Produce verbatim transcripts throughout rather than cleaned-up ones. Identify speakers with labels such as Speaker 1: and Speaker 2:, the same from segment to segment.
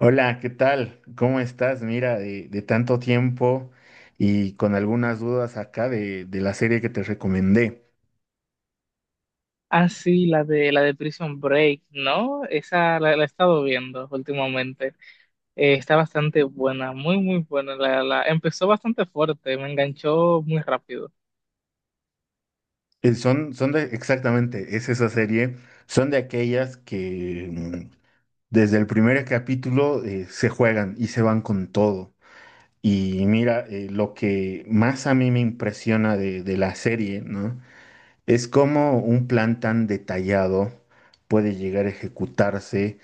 Speaker 1: Hola, ¿qué tal? ¿Cómo estás? Mira, de, de tanto tiempo y con algunas dudas acá de, de la serie que te recomendé.
Speaker 2: Ah, sí, la de, la de Prison Break, ¿no? Esa la, la he estado viendo últimamente. Eh, está bastante buena, muy, muy buena. La, la, empezó bastante fuerte, me enganchó muy rápido.
Speaker 1: Eh, Son, son de, exactamente, es esa serie, son de aquellas que mm, desde el primer capítulo eh, se juegan y se van con todo. Y mira, eh, lo que más a mí me impresiona de, de la serie, ¿no? Es como un plan tan detallado puede llegar a ejecutarse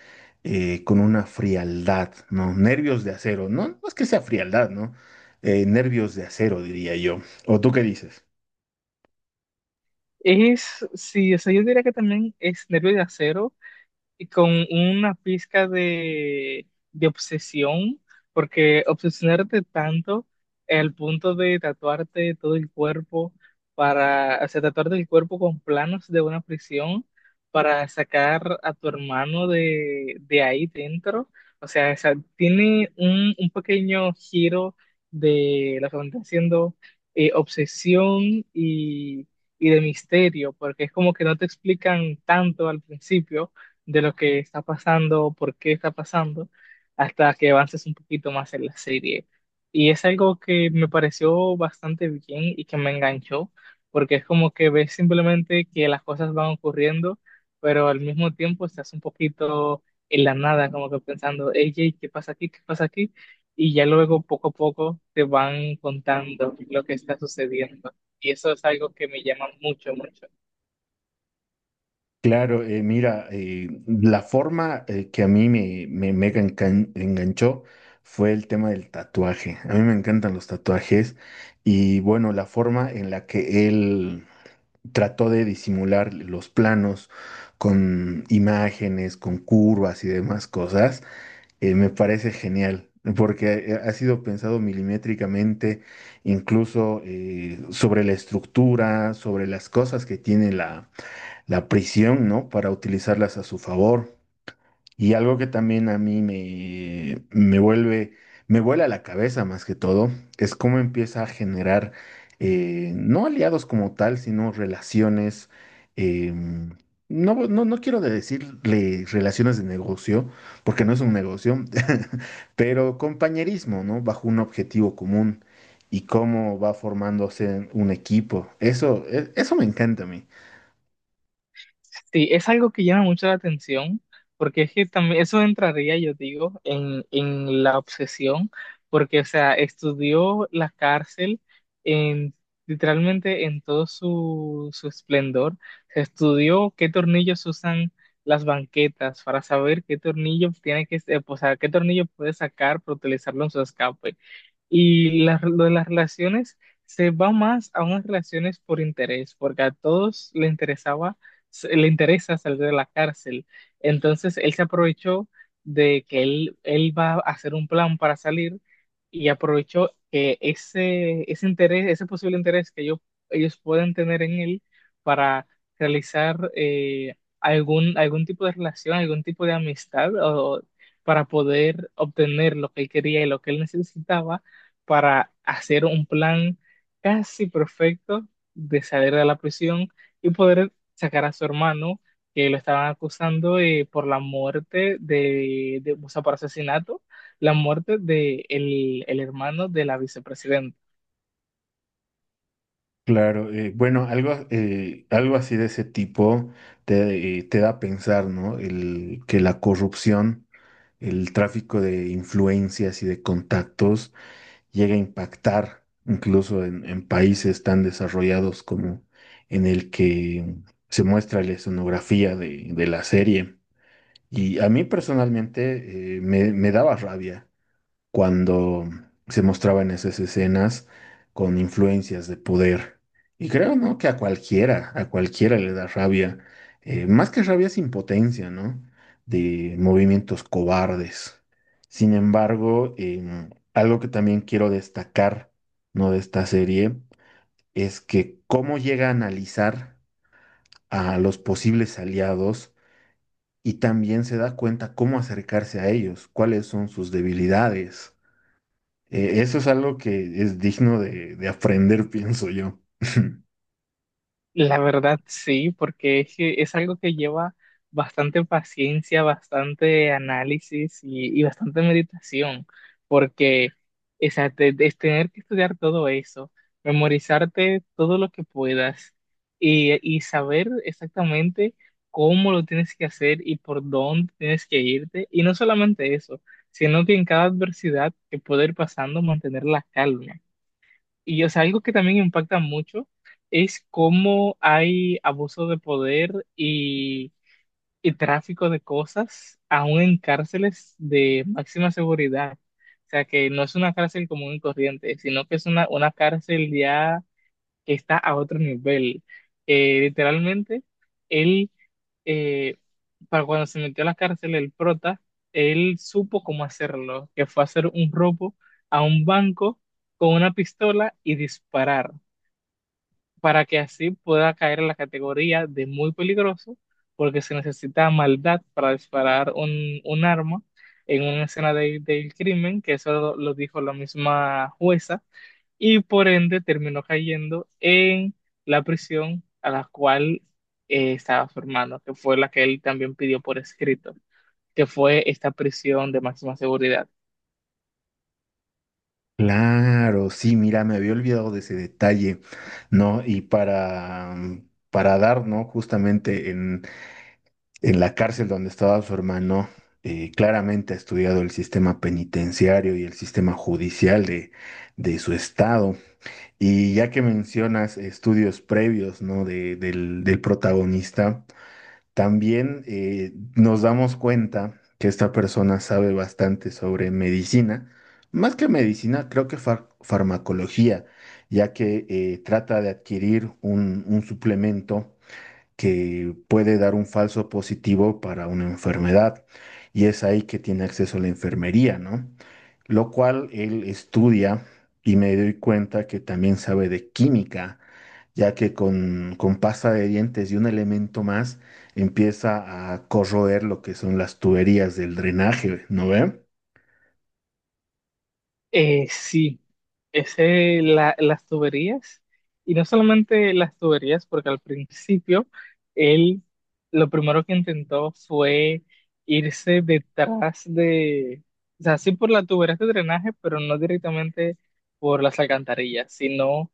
Speaker 1: eh, con una frialdad, ¿no? Nervios de acero, ¿no? No es que sea frialdad, ¿no? Eh, nervios de acero, diría yo. ¿O tú qué dices?
Speaker 2: Es, sí, o sea, yo diría que también es Nervio de Acero, y con una pizca de, de obsesión, porque obsesionarte tanto al punto de tatuarte todo el cuerpo para, o sea, tatuarte el cuerpo con planos de una prisión para sacar a tu hermano de, de ahí dentro. O sea, o sea, tiene un, un pequeño giro de lo que van haciendo, eh, obsesión y, y de misterio, porque es como que no te explican tanto al principio de lo que está pasando, por qué está pasando, hasta que avances un poquito más en la serie. Y es algo que me pareció bastante bien y que me enganchó, porque es como que ves simplemente que las cosas van ocurriendo, pero al mismo tiempo estás un poquito en la nada, como que pensando, hey, ¿qué pasa aquí? ¿Qué pasa aquí? Y ya luego poco a poco te van contando lo que está sucediendo. Y eso es algo que me llama mucho, mucho.
Speaker 1: Claro, eh, mira, eh, la forma eh, que a mí me, me, me engan- enganchó fue el tema del tatuaje. A mí me encantan los tatuajes y bueno, la forma en la que él trató de disimular los planos con imágenes, con curvas y demás cosas, eh, me parece genial. Porque eh, ha sido pensado milimétricamente, incluso eh, sobre la estructura, sobre las cosas que tiene la, la prisión, ¿no? Para utilizarlas a su favor. Y algo que también a mí me, me vuelve, me vuela la cabeza más que todo, es cómo empieza a generar, eh, no aliados como tal, sino relaciones, eh, no, no, no quiero de decirle relaciones de negocio, porque no es un negocio, pero compañerismo, ¿no? Bajo un objetivo común y cómo va formándose un equipo. Eso, e- eso me encanta a mí.
Speaker 2: Sí, es algo que llama mucho la atención, porque es que también eso entraría, yo digo, en, en la obsesión, porque, o sea, estudió la cárcel en, literalmente en todo su, su esplendor. Se estudió qué tornillos usan las banquetas para saber qué tornillo tiene que, eh, o sea, qué tornillo puede sacar para utilizarlo en su escape. Y la- lo de las relaciones se va más a unas relaciones por interés, porque a todos le interesaba se- le interesa salir de la cárcel. Entonces él se aprovechó de que él, él va a hacer un plan para salir y aprovechó que ese, ese interés, ese posible interés que ellos, ellos pueden tener en él para realizar eh, algún, algún tipo de relación, algún tipo de amistad o para poder obtener lo que él quería y lo que él necesitaba para hacer un plan casi perfecto de salir de la prisión y poder sacar a su hermano, que lo estaban acusando de- por la muerte de, de- o sea, por asesinato, la muerte de el el hermano de la vicepresidenta.
Speaker 1: Claro, eh, bueno, algo, eh, algo así de ese tipo te, eh, te da a pensar, ¿no? El, que la corrupción, el tráfico de influencias y de contactos llega a impactar incluso en, en países tan desarrollados como en el que se muestra la escenografía de, de la serie. Y a mí personalmente eh, me, me daba rabia cuando se mostraban esas escenas con influencias de poder. Y creo, ¿no? Que a cualquiera, a cualquiera le da rabia. Eh, más que rabia es impotencia, ¿no? De movimientos cobardes. Sin embargo, em, algo que también quiero destacar, ¿no? De esta serie es que cómo llega a analizar a los posibles aliados y también se da cuenta cómo acercarse a ellos, cuáles son sus debilidades, eh, eso es algo que es digno de, de aprender, pienso yo.
Speaker 2: La verdad sí, porque es, que es algo que lleva bastante paciencia, bastante análisis y, y bastante meditación, porque o sea, te- es tener que estudiar todo eso, memorizarte todo lo que puedas y, y saber exactamente cómo lo tienes que hacer y por dónde tienes que irte. Y no solamente eso, sino que en cada adversidad que puede ir pasando, mantener la calma. Y o sea, algo que también impacta mucho es cómo hay abuso de poder y, y tráfico de cosas, aún en cárceles de máxima seguridad. O sea, que no es una cárcel común y corriente, sino que es una, una cárcel ya que está a otro nivel. Eh, literalmente, él, eh, para cuando se metió a la cárcel, el prota, él supo cómo hacerlo, que fue hacer un robo a un banco con una pistola y disparar para que así pueda caer en la categoría de muy peligroso, porque se necesita maldad para disparar un, un arma en una escena de- del crimen, que eso lo, lo dijo la misma jueza, y por ende terminó cayendo en la prisión a la cual eh, estaba su hermano, que fue la que él también pidió por escrito, que fue esta prisión de máxima seguridad.
Speaker 1: Claro, sí, mira, me había olvidado de ese detalle, ¿no? Y para, mm, para dar, ¿no? Justamente en, en la cárcel donde estaba su hermano, eh, claramente ha estudiado el sistema penitenciario y el sistema judicial de, de su estado. Y ya que mencionas estudios previos, ¿no? De, del, del protagonista. También eh, nos damos cuenta que esta persona sabe bastante sobre medicina, más que medicina, creo que far- farmacología, ya que eh, trata de adquirir un, un suplemento que puede dar un falso positivo para una enfermedad, y es ahí que tiene acceso a la enfermería, ¿no? Lo cual él estudia y me doy cuenta que también sabe de química ya que con, con pasta de dientes y un elemento más empieza a corroer lo que son las tuberías del drenaje, ¿no ve?
Speaker 2: Eh, sí. Ese, la- las tuberías, y no solamente las tuberías, porque al principio él lo primero que intentó fue irse detrás de, o sea, sí por las tuberías de drenaje, pero no directamente por las alcantarillas, sino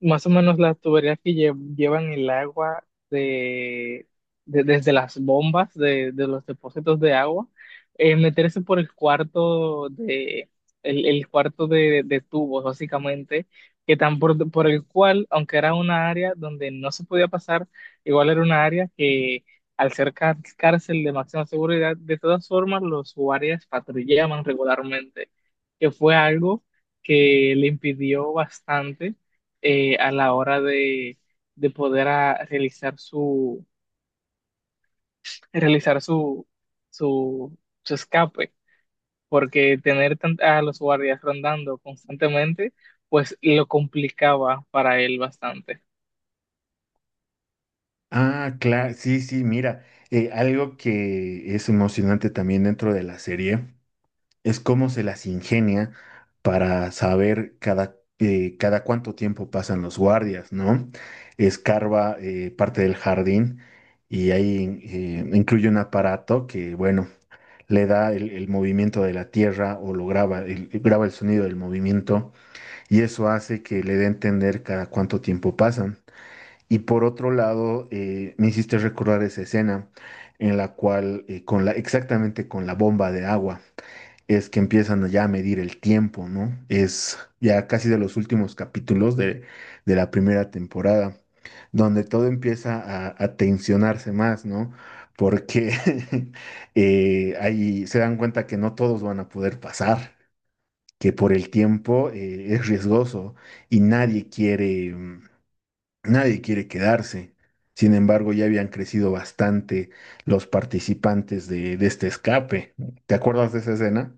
Speaker 2: más o menos las tuberías que lle- llevan el agua de, de- desde las bombas de, de los depósitos de agua, eh, meterse por el cuarto de el, el cuarto de, de tubos, básicamente, que tan por, por el cual, aunque era una área donde no se podía pasar, igual era una área que al ser cá- cárcel de máxima seguridad, de todas formas los guardias patrullaban regularmente, que fue algo que le impidió bastante eh, a la hora de, de poder ah, realizar su, realizar su, su, su escape, porque tener tan- a los guardias rondando constantemente, pues lo complicaba para él bastante.
Speaker 1: Ah, claro, sí, sí, mira, eh, algo que es emocionante también dentro de la serie es cómo se las ingenia para saber cada, eh, cada cuánto tiempo pasan los guardias, ¿no? Escarba eh, parte del jardín y ahí eh, incluye un aparato que, bueno, le da el, el movimiento de la tierra o lo graba, el- graba el sonido del movimiento y eso hace que le dé a entender cada cuánto tiempo pasan. Y por otro lado, eh, me hiciste recordar esa escena en la cual, eh, con la, exactamente con la bomba de agua es que empiezan ya a medir el tiempo, ¿no? Es ya casi de los últimos capítulos de, de la primera temporada, donde todo empieza a, a tensionarse más, ¿no? Porque eh, ahí se dan cuenta que no todos van a poder pasar, que por el tiempo eh, es riesgoso y nadie quiere, mm, nadie quiere quedarse. Sin embargo, ya habían crecido bastante los participantes de, de este escape. ¿Te acuerdas de esa escena?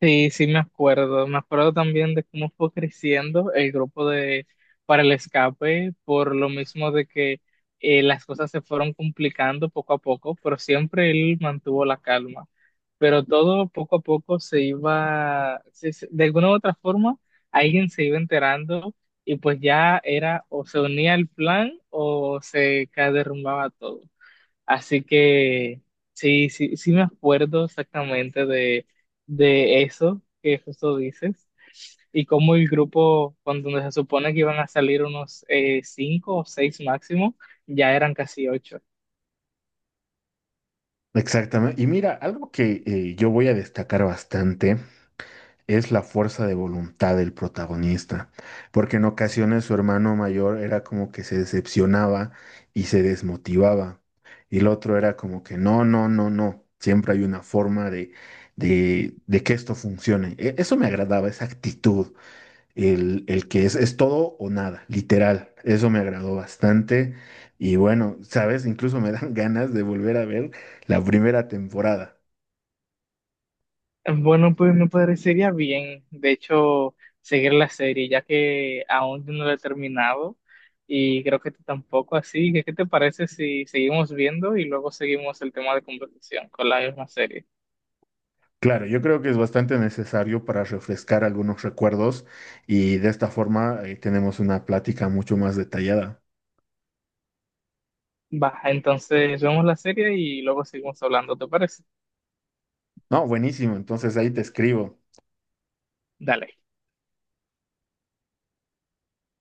Speaker 2: Sí, sí me acuerdo. Me acuerdo también de cómo fue creciendo el grupo de para el escape, por lo mismo de que eh, las cosas se fueron complicando poco a poco, pero siempre él mantuvo la calma. Pero todo poco a poco se iba, se- se- de alguna u otra forma, alguien se iba enterando y pues ya era o se unía al plan o se ca- derrumbaba todo. Así que sí, sí, sí me acuerdo exactamente de, de eso que justo dices y cómo el grupo, cuando se supone que iban a salir unos eh, cinco o seis máximo, ya eran casi ocho.
Speaker 1: Exactamente. Y mira, algo que eh, yo voy a destacar bastante es la fuerza de voluntad del protagonista, porque en ocasiones su hermano mayor era como que se decepcionaba y se desmotivaba, y el otro era como que no, no, no, no, siempre hay una forma de, de, de que esto funcione. E- Eso me agradaba, esa actitud el, el que es, es todo o nada, literal. Eso me agradó bastante. Y bueno, sabes, incluso me dan ganas de volver a ver la primera temporada.
Speaker 2: Bueno, pues me parecería bien, de hecho, seguir la serie, ya que aún yo no la he terminado y creo que tú tampoco, así que ¿qué te parece si seguimos viendo y luego seguimos el tema de conversación con la misma serie?
Speaker 1: Claro, yo creo que es bastante necesario para refrescar algunos recuerdos y de esta forma eh, tenemos una plática mucho más detallada.
Speaker 2: Va, entonces vemos la serie y luego seguimos hablando, ¿te parece?
Speaker 1: No, buenísimo, entonces ahí te escribo.
Speaker 2: Dale.